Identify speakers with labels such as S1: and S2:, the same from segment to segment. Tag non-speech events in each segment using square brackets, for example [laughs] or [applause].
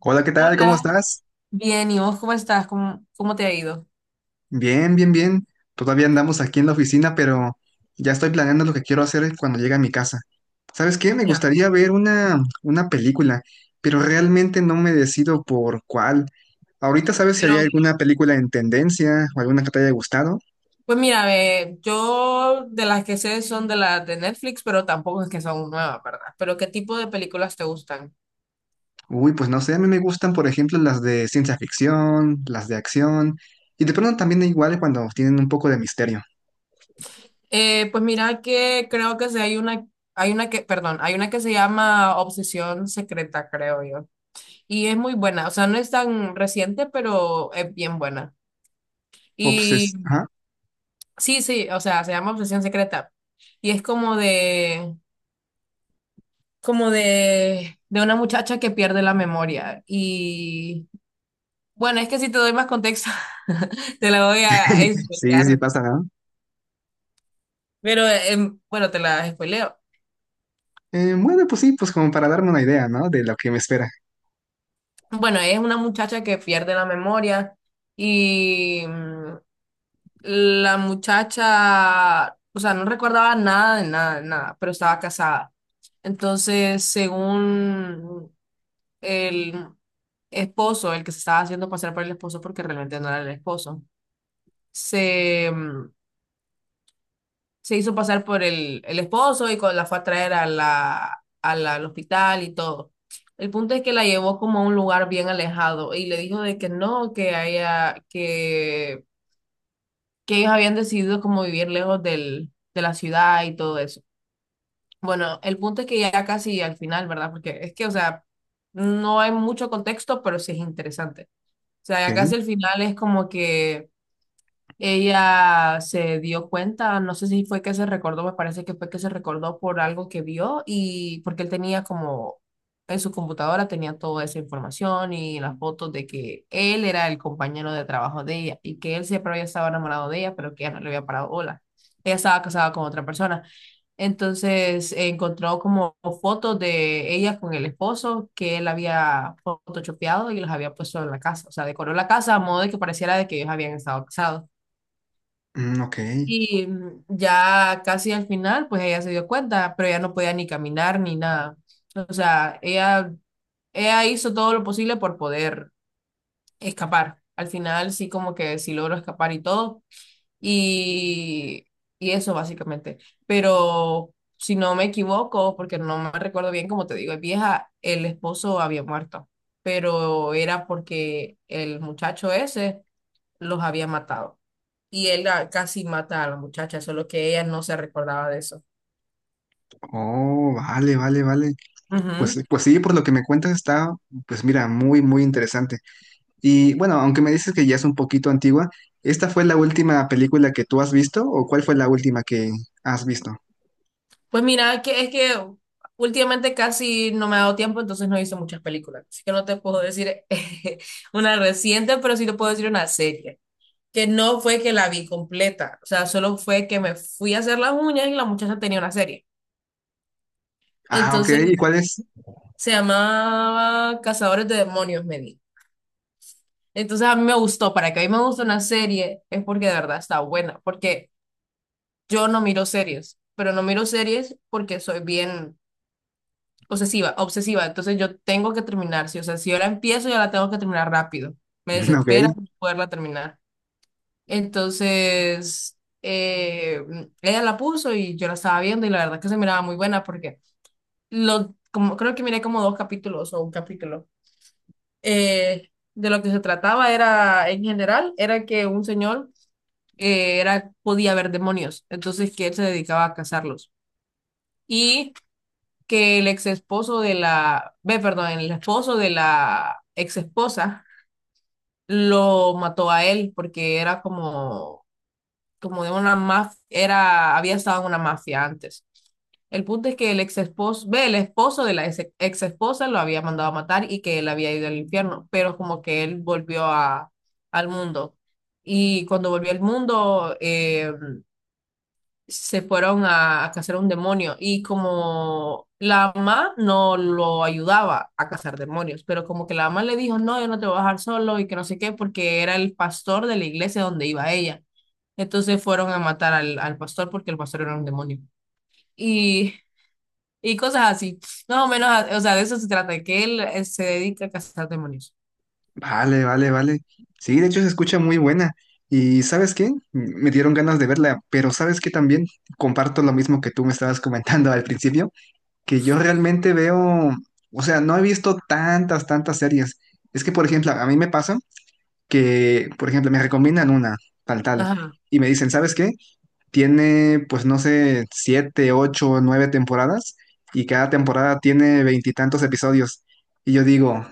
S1: Hola, ¿qué tal? ¿Cómo
S2: Hola.
S1: estás?
S2: Bien, ¿y vos cómo estás? ¿Cómo te ha ido?
S1: Bien, bien, bien. Todavía andamos aquí en la oficina, pero ya estoy planeando lo que quiero hacer cuando llegue a mi casa. ¿Sabes qué? Me
S2: Escucha,
S1: gustaría ver una película, pero realmente no me decido por cuál. Ahorita, ¿sabes si hay
S2: pero,
S1: alguna película en tendencia o alguna que te haya gustado?
S2: pues mira, ve, yo de las que sé son de las de Netflix, pero tampoco es que son nuevas, ¿verdad? Pero ¿qué tipo de películas te gustan?
S1: Uy, pues no sé, a mí me gustan, por ejemplo, las de ciencia ficción, las de acción, y de pronto también igual cuando tienen un poco de misterio.
S2: Pues mira que creo que sí hay una que, perdón, hay una que se llama Obsesión Secreta, creo yo. Y es muy buena, o sea, no es tan reciente, pero es bien buena. Y
S1: Obses, ajá.
S2: sí, sí, o sea, se llama Obsesión Secreta. Y es como de una muchacha que pierde la memoria. Y bueno, es que si te doy más contexto, [laughs] te la voy a
S1: Sí, sí
S2: explicar.
S1: pasa, ¿no?
S2: Pero bueno, te la spoileo.
S1: Bueno, pues sí, pues como para darme una idea, ¿no? De lo que me espera.
S2: Bueno, es una muchacha que pierde la memoria y la muchacha, o sea, no recordaba nada de nada, de nada, pero estaba casada. Entonces, según el esposo, el que se estaba haciendo pasar por el esposo, porque realmente no era el esposo, se, mm, se hizo pasar por el esposo y con, la fue a traer a la- al hospital y todo. El punto es que la llevó como a un lugar bien alejado y le dijo de que no, que haya, que ellos habían decidido como vivir lejos del, de la ciudad y todo eso. Bueno, el punto es que ya casi al final, ¿verdad? Porque es que, o sea, no hay mucho contexto, pero sí es interesante. O sea, ya
S1: Ok,
S2: casi al final es como que ella se dio cuenta, no sé si fue que se recordó, me parece que fue que se recordó por algo que vio y porque él tenía como en su computadora tenía toda esa información y las fotos de que él era el compañero de trabajo de ella y que él siempre había estado enamorado de ella, pero que ella no le había parado bola. Ella estaba casada con otra persona. Entonces encontró como fotos de ella con el esposo que él había photoshopeado y los había puesto en la casa. O sea, decoró la casa a modo de que pareciera de que ellos habían estado casados.
S1: mm, ok.
S2: Y ya casi al final, pues ella se dio cuenta, pero ella no podía ni caminar ni nada. O sea, ella hizo todo lo posible por poder escapar. Al final sí como que sí logró escapar y todo. Y, y eso básicamente. Pero si no me equivoco, porque no me recuerdo bien, como te digo, es vieja, el esposo había muerto, pero era porque el muchacho ese los había matado y él la- casi mata a la muchacha, solo que ella no se recordaba de eso.
S1: Oh, vale, vale, vale. Pues,
S2: Ujú.
S1: pues sí, por lo que me cuentas está, pues mira, muy, muy interesante. Y bueno, aunque me dices que ya es un poquito antigua, ¿esta fue la última película que tú has visto o cuál fue la última que has visto?
S2: Pues mira, que es que últimamente casi no me ha dado tiempo, entonces no he visto muchas películas, así que no te puedo decir [laughs] una reciente, pero sí te puedo decir una serie, que no fue que la vi completa, o sea, solo fue que me fui a hacer las uñas y la muchacha tenía una serie.
S1: Ah, ok,
S2: Entonces
S1: ¿y cuál es?
S2: se llamaba Cazadores de Demonios, me di. Entonces a mí me gustó, para que a mí me guste una serie es porque de verdad está buena, porque yo no miro series, pero no miro series porque soy bien obsesiva. Entonces yo tengo que terminar, sí. O sea, si yo la empiezo, yo la tengo que terminar rápido. Me
S1: [laughs] Ok,
S2: desespera no poderla terminar. Entonces, eh, ella la puso y yo la estaba viendo y la verdad que se miraba muy buena porque lo, como, creo que miré como dos capítulos o un capítulo. De lo que se trataba era, en general, era que un señor era, podía ver demonios, entonces que él se dedicaba a cazarlos. Y que el ex esposo de la, ve, perdón, el esposo de la ex esposa lo mató a él porque era como, como de una mafia, era, había estado en una mafia antes. El punto es que el ex esposo, ve, el esposo de la ex, ex esposa lo había mandado a matar y que él había ido al infierno, pero como que él volvió a, al mundo. Y cuando volvió al mundo, se fueron a cazar un demonio y como la mamá no lo ayudaba a cazar demonios, pero como que la mamá le dijo, no, yo no te voy a dejar solo y que no sé qué, porque era el pastor de la iglesia donde iba ella. Entonces fueron a matar al, al pastor porque el pastor era un demonio. Y, y cosas así, más o menos, o sea, de eso se trata, que él se dedica a cazar demonios.
S1: vale, vale, vale. Sí, de hecho se escucha muy buena. Y ¿sabes qué? Me dieron ganas de verla, pero ¿sabes qué también? Comparto lo mismo que tú me estabas comentando al principio que yo realmente veo, o sea, no he visto tantas, tantas series. Es que, por ejemplo, a mí me pasa que, por ejemplo, me recomiendan una, tal, tal,
S2: Ajá,
S1: y me dicen, ¿sabes qué? Tiene, pues, no sé, siete, ocho, nueve temporadas, y cada temporada tiene veintitantos episodios. Y yo digo,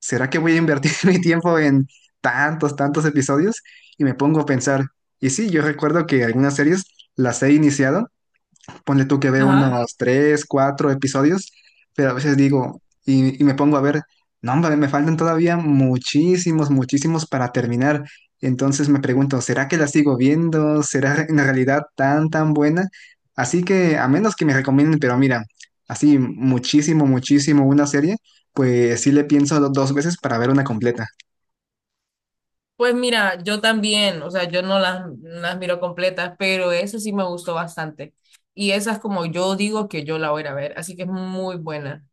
S1: ¿será que voy a invertir [laughs] mi tiempo en tantos, tantos episodios? Y me pongo a pensar, y sí, yo recuerdo que algunas series las he iniciado. Ponle tú que veo
S2: ajá.
S1: unas tres, cuatro episodios, pero a veces digo, y me pongo a ver, no, hombre, me faltan todavía muchísimos, muchísimos para terminar. Entonces me pregunto, ¿será que la sigo viendo? ¿Será en realidad tan, tan buena? Así que, a menos que me recomienden, pero mira, así muchísimo, muchísimo una serie, pues sí le pienso dos veces para ver una completa.
S2: Pues mira, yo también, o sea, yo no las, no las miro completas, pero esa sí me gustó bastante. Y esa es como yo digo que yo la voy a ir a ver, así que es muy buena.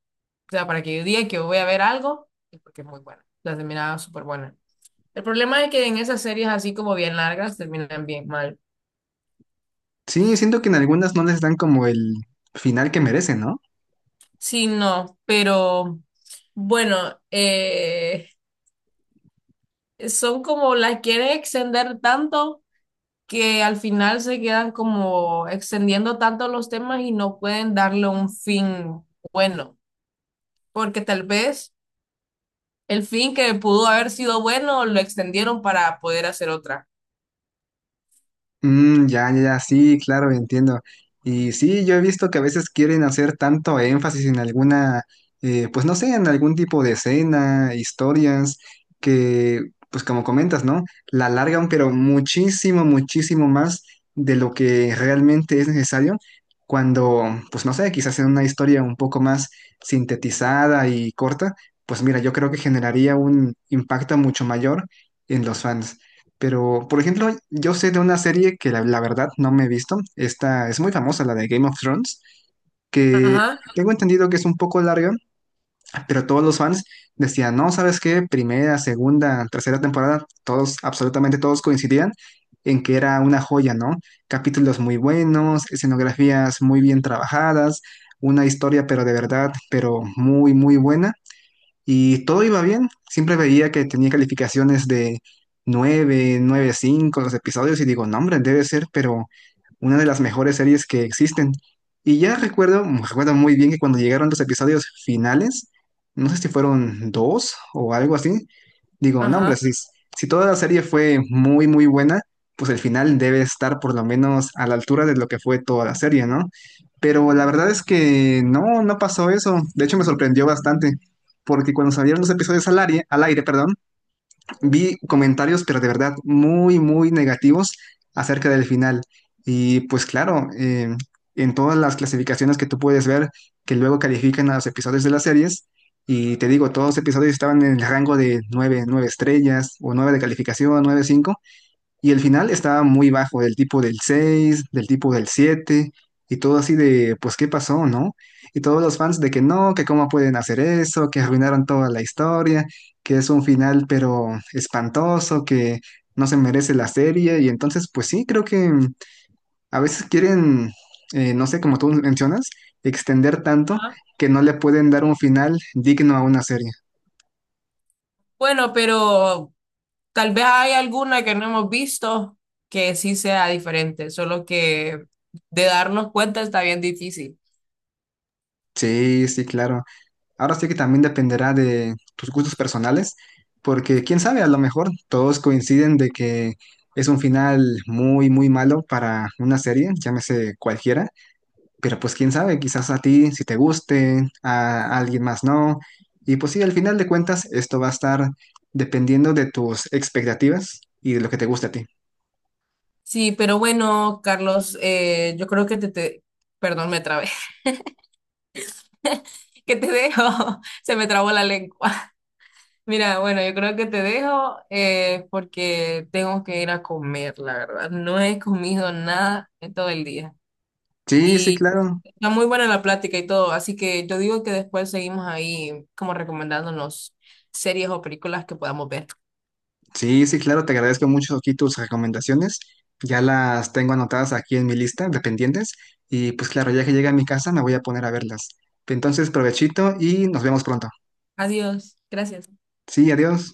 S2: O sea, para que yo diga que voy a ver algo, es porque es muy buena. La terminaba súper buena. El problema es que en esas series así como bien largas terminan bien mal.
S1: Sí, siento que en algunas no les dan como el final que merecen, ¿no?
S2: Sí, no, pero bueno, son como las quieren extender tanto que al final se quedan como extendiendo tanto los temas y no pueden darle un fin bueno, porque tal vez el fin que pudo haber sido bueno lo extendieron para poder hacer otra.
S1: Mm, ya, ya, ya, sí, claro, entiendo. Y sí, yo he visto que a veces quieren hacer tanto énfasis en alguna, pues no sé, en algún tipo de escena, historias, que, pues como comentas, ¿no? La alargan, pero muchísimo, muchísimo más de lo que realmente es necesario cuando, pues no sé, quizás en una historia un poco más sintetizada y corta, pues mira, yo creo que generaría un impacto mucho mayor en los fans. Pero, por ejemplo, yo sé de una serie que la verdad no me he visto. Esta es muy famosa, la de Game of Thrones, que
S2: Ajá,
S1: tengo entendido que es un poco larga, pero todos los fans decían, no, ¿sabes qué? Primera, segunda, tercera temporada, todos, absolutamente todos coincidían en que era una joya, ¿no? Capítulos muy buenos, escenografías muy bien trabajadas, una historia, pero de verdad, pero muy, muy buena. Y todo iba bien. Siempre veía que tenía calificaciones de 9, cinco los episodios y digo, no, hombre, debe ser, pero una de las mejores series que existen. Y ya recuerdo muy bien que cuando llegaron los episodios finales, no sé si fueron dos o algo así, digo, no, hombre,
S2: ajá,
S1: si toda la serie fue muy, muy buena, pues el final debe estar por lo menos a la altura de lo que fue toda la serie, ¿no? Pero la verdad es que no, no pasó eso. De hecho, me sorprendió bastante porque cuando salieron los episodios al aire, perdón, vi comentarios, pero de verdad muy, muy negativos acerca del final. Y pues claro, en todas las clasificaciones que tú puedes ver, que luego califican a los episodios de las series, y te digo, todos los episodios estaban en el rango de 9, 9 estrellas o 9 de calificación, 9 5. Y el final estaba muy bajo, del tipo del 6 del tipo del 7 y todo así de, pues, ¿qué pasó, no? Y todos los fans de que no, que cómo pueden hacer eso, que arruinaron toda la historia, que es un final pero espantoso, que no se merece la serie. Y entonces, pues sí, creo que a veces quieren, no sé, como tú mencionas, extender tanto
S2: ajá.
S1: que no le pueden dar un final digno a una serie.
S2: Bueno, pero tal vez hay alguna que no hemos visto que sí sea diferente, solo que de darnos cuenta está bien difícil.
S1: Sí, sí, claro. Ahora sí que también dependerá de tus gustos personales, porque quién sabe, a lo mejor todos coinciden de que es un final muy, muy malo para una serie, llámese cualquiera, pero pues quién sabe, quizás a ti si te guste, a alguien más no, y pues sí, al final de cuentas esto va a estar dependiendo de tus expectativas y de lo que te guste a ti.
S2: Sí, pero bueno, Carlos, yo creo que perdón, me trabé. ¿Qué te dejo? [laughs] Se me trabó la lengua. [laughs] Mira, bueno, yo creo que te dejo porque tengo que ir a comer, la verdad. No he comido nada en todo el día.
S1: Sí, sí,
S2: Y
S1: claro.
S2: está muy buena la plática y todo, así que yo digo que después seguimos ahí como recomendándonos series o películas que podamos ver.
S1: Sí, sí, claro, te agradezco mucho aquí tus recomendaciones. Ya las tengo anotadas aquí en mi lista de pendientes y pues claro, ya que llegue a mi casa me voy a poner a verlas. Entonces, provechito y nos vemos pronto.
S2: Adiós, gracias.
S1: Sí, adiós.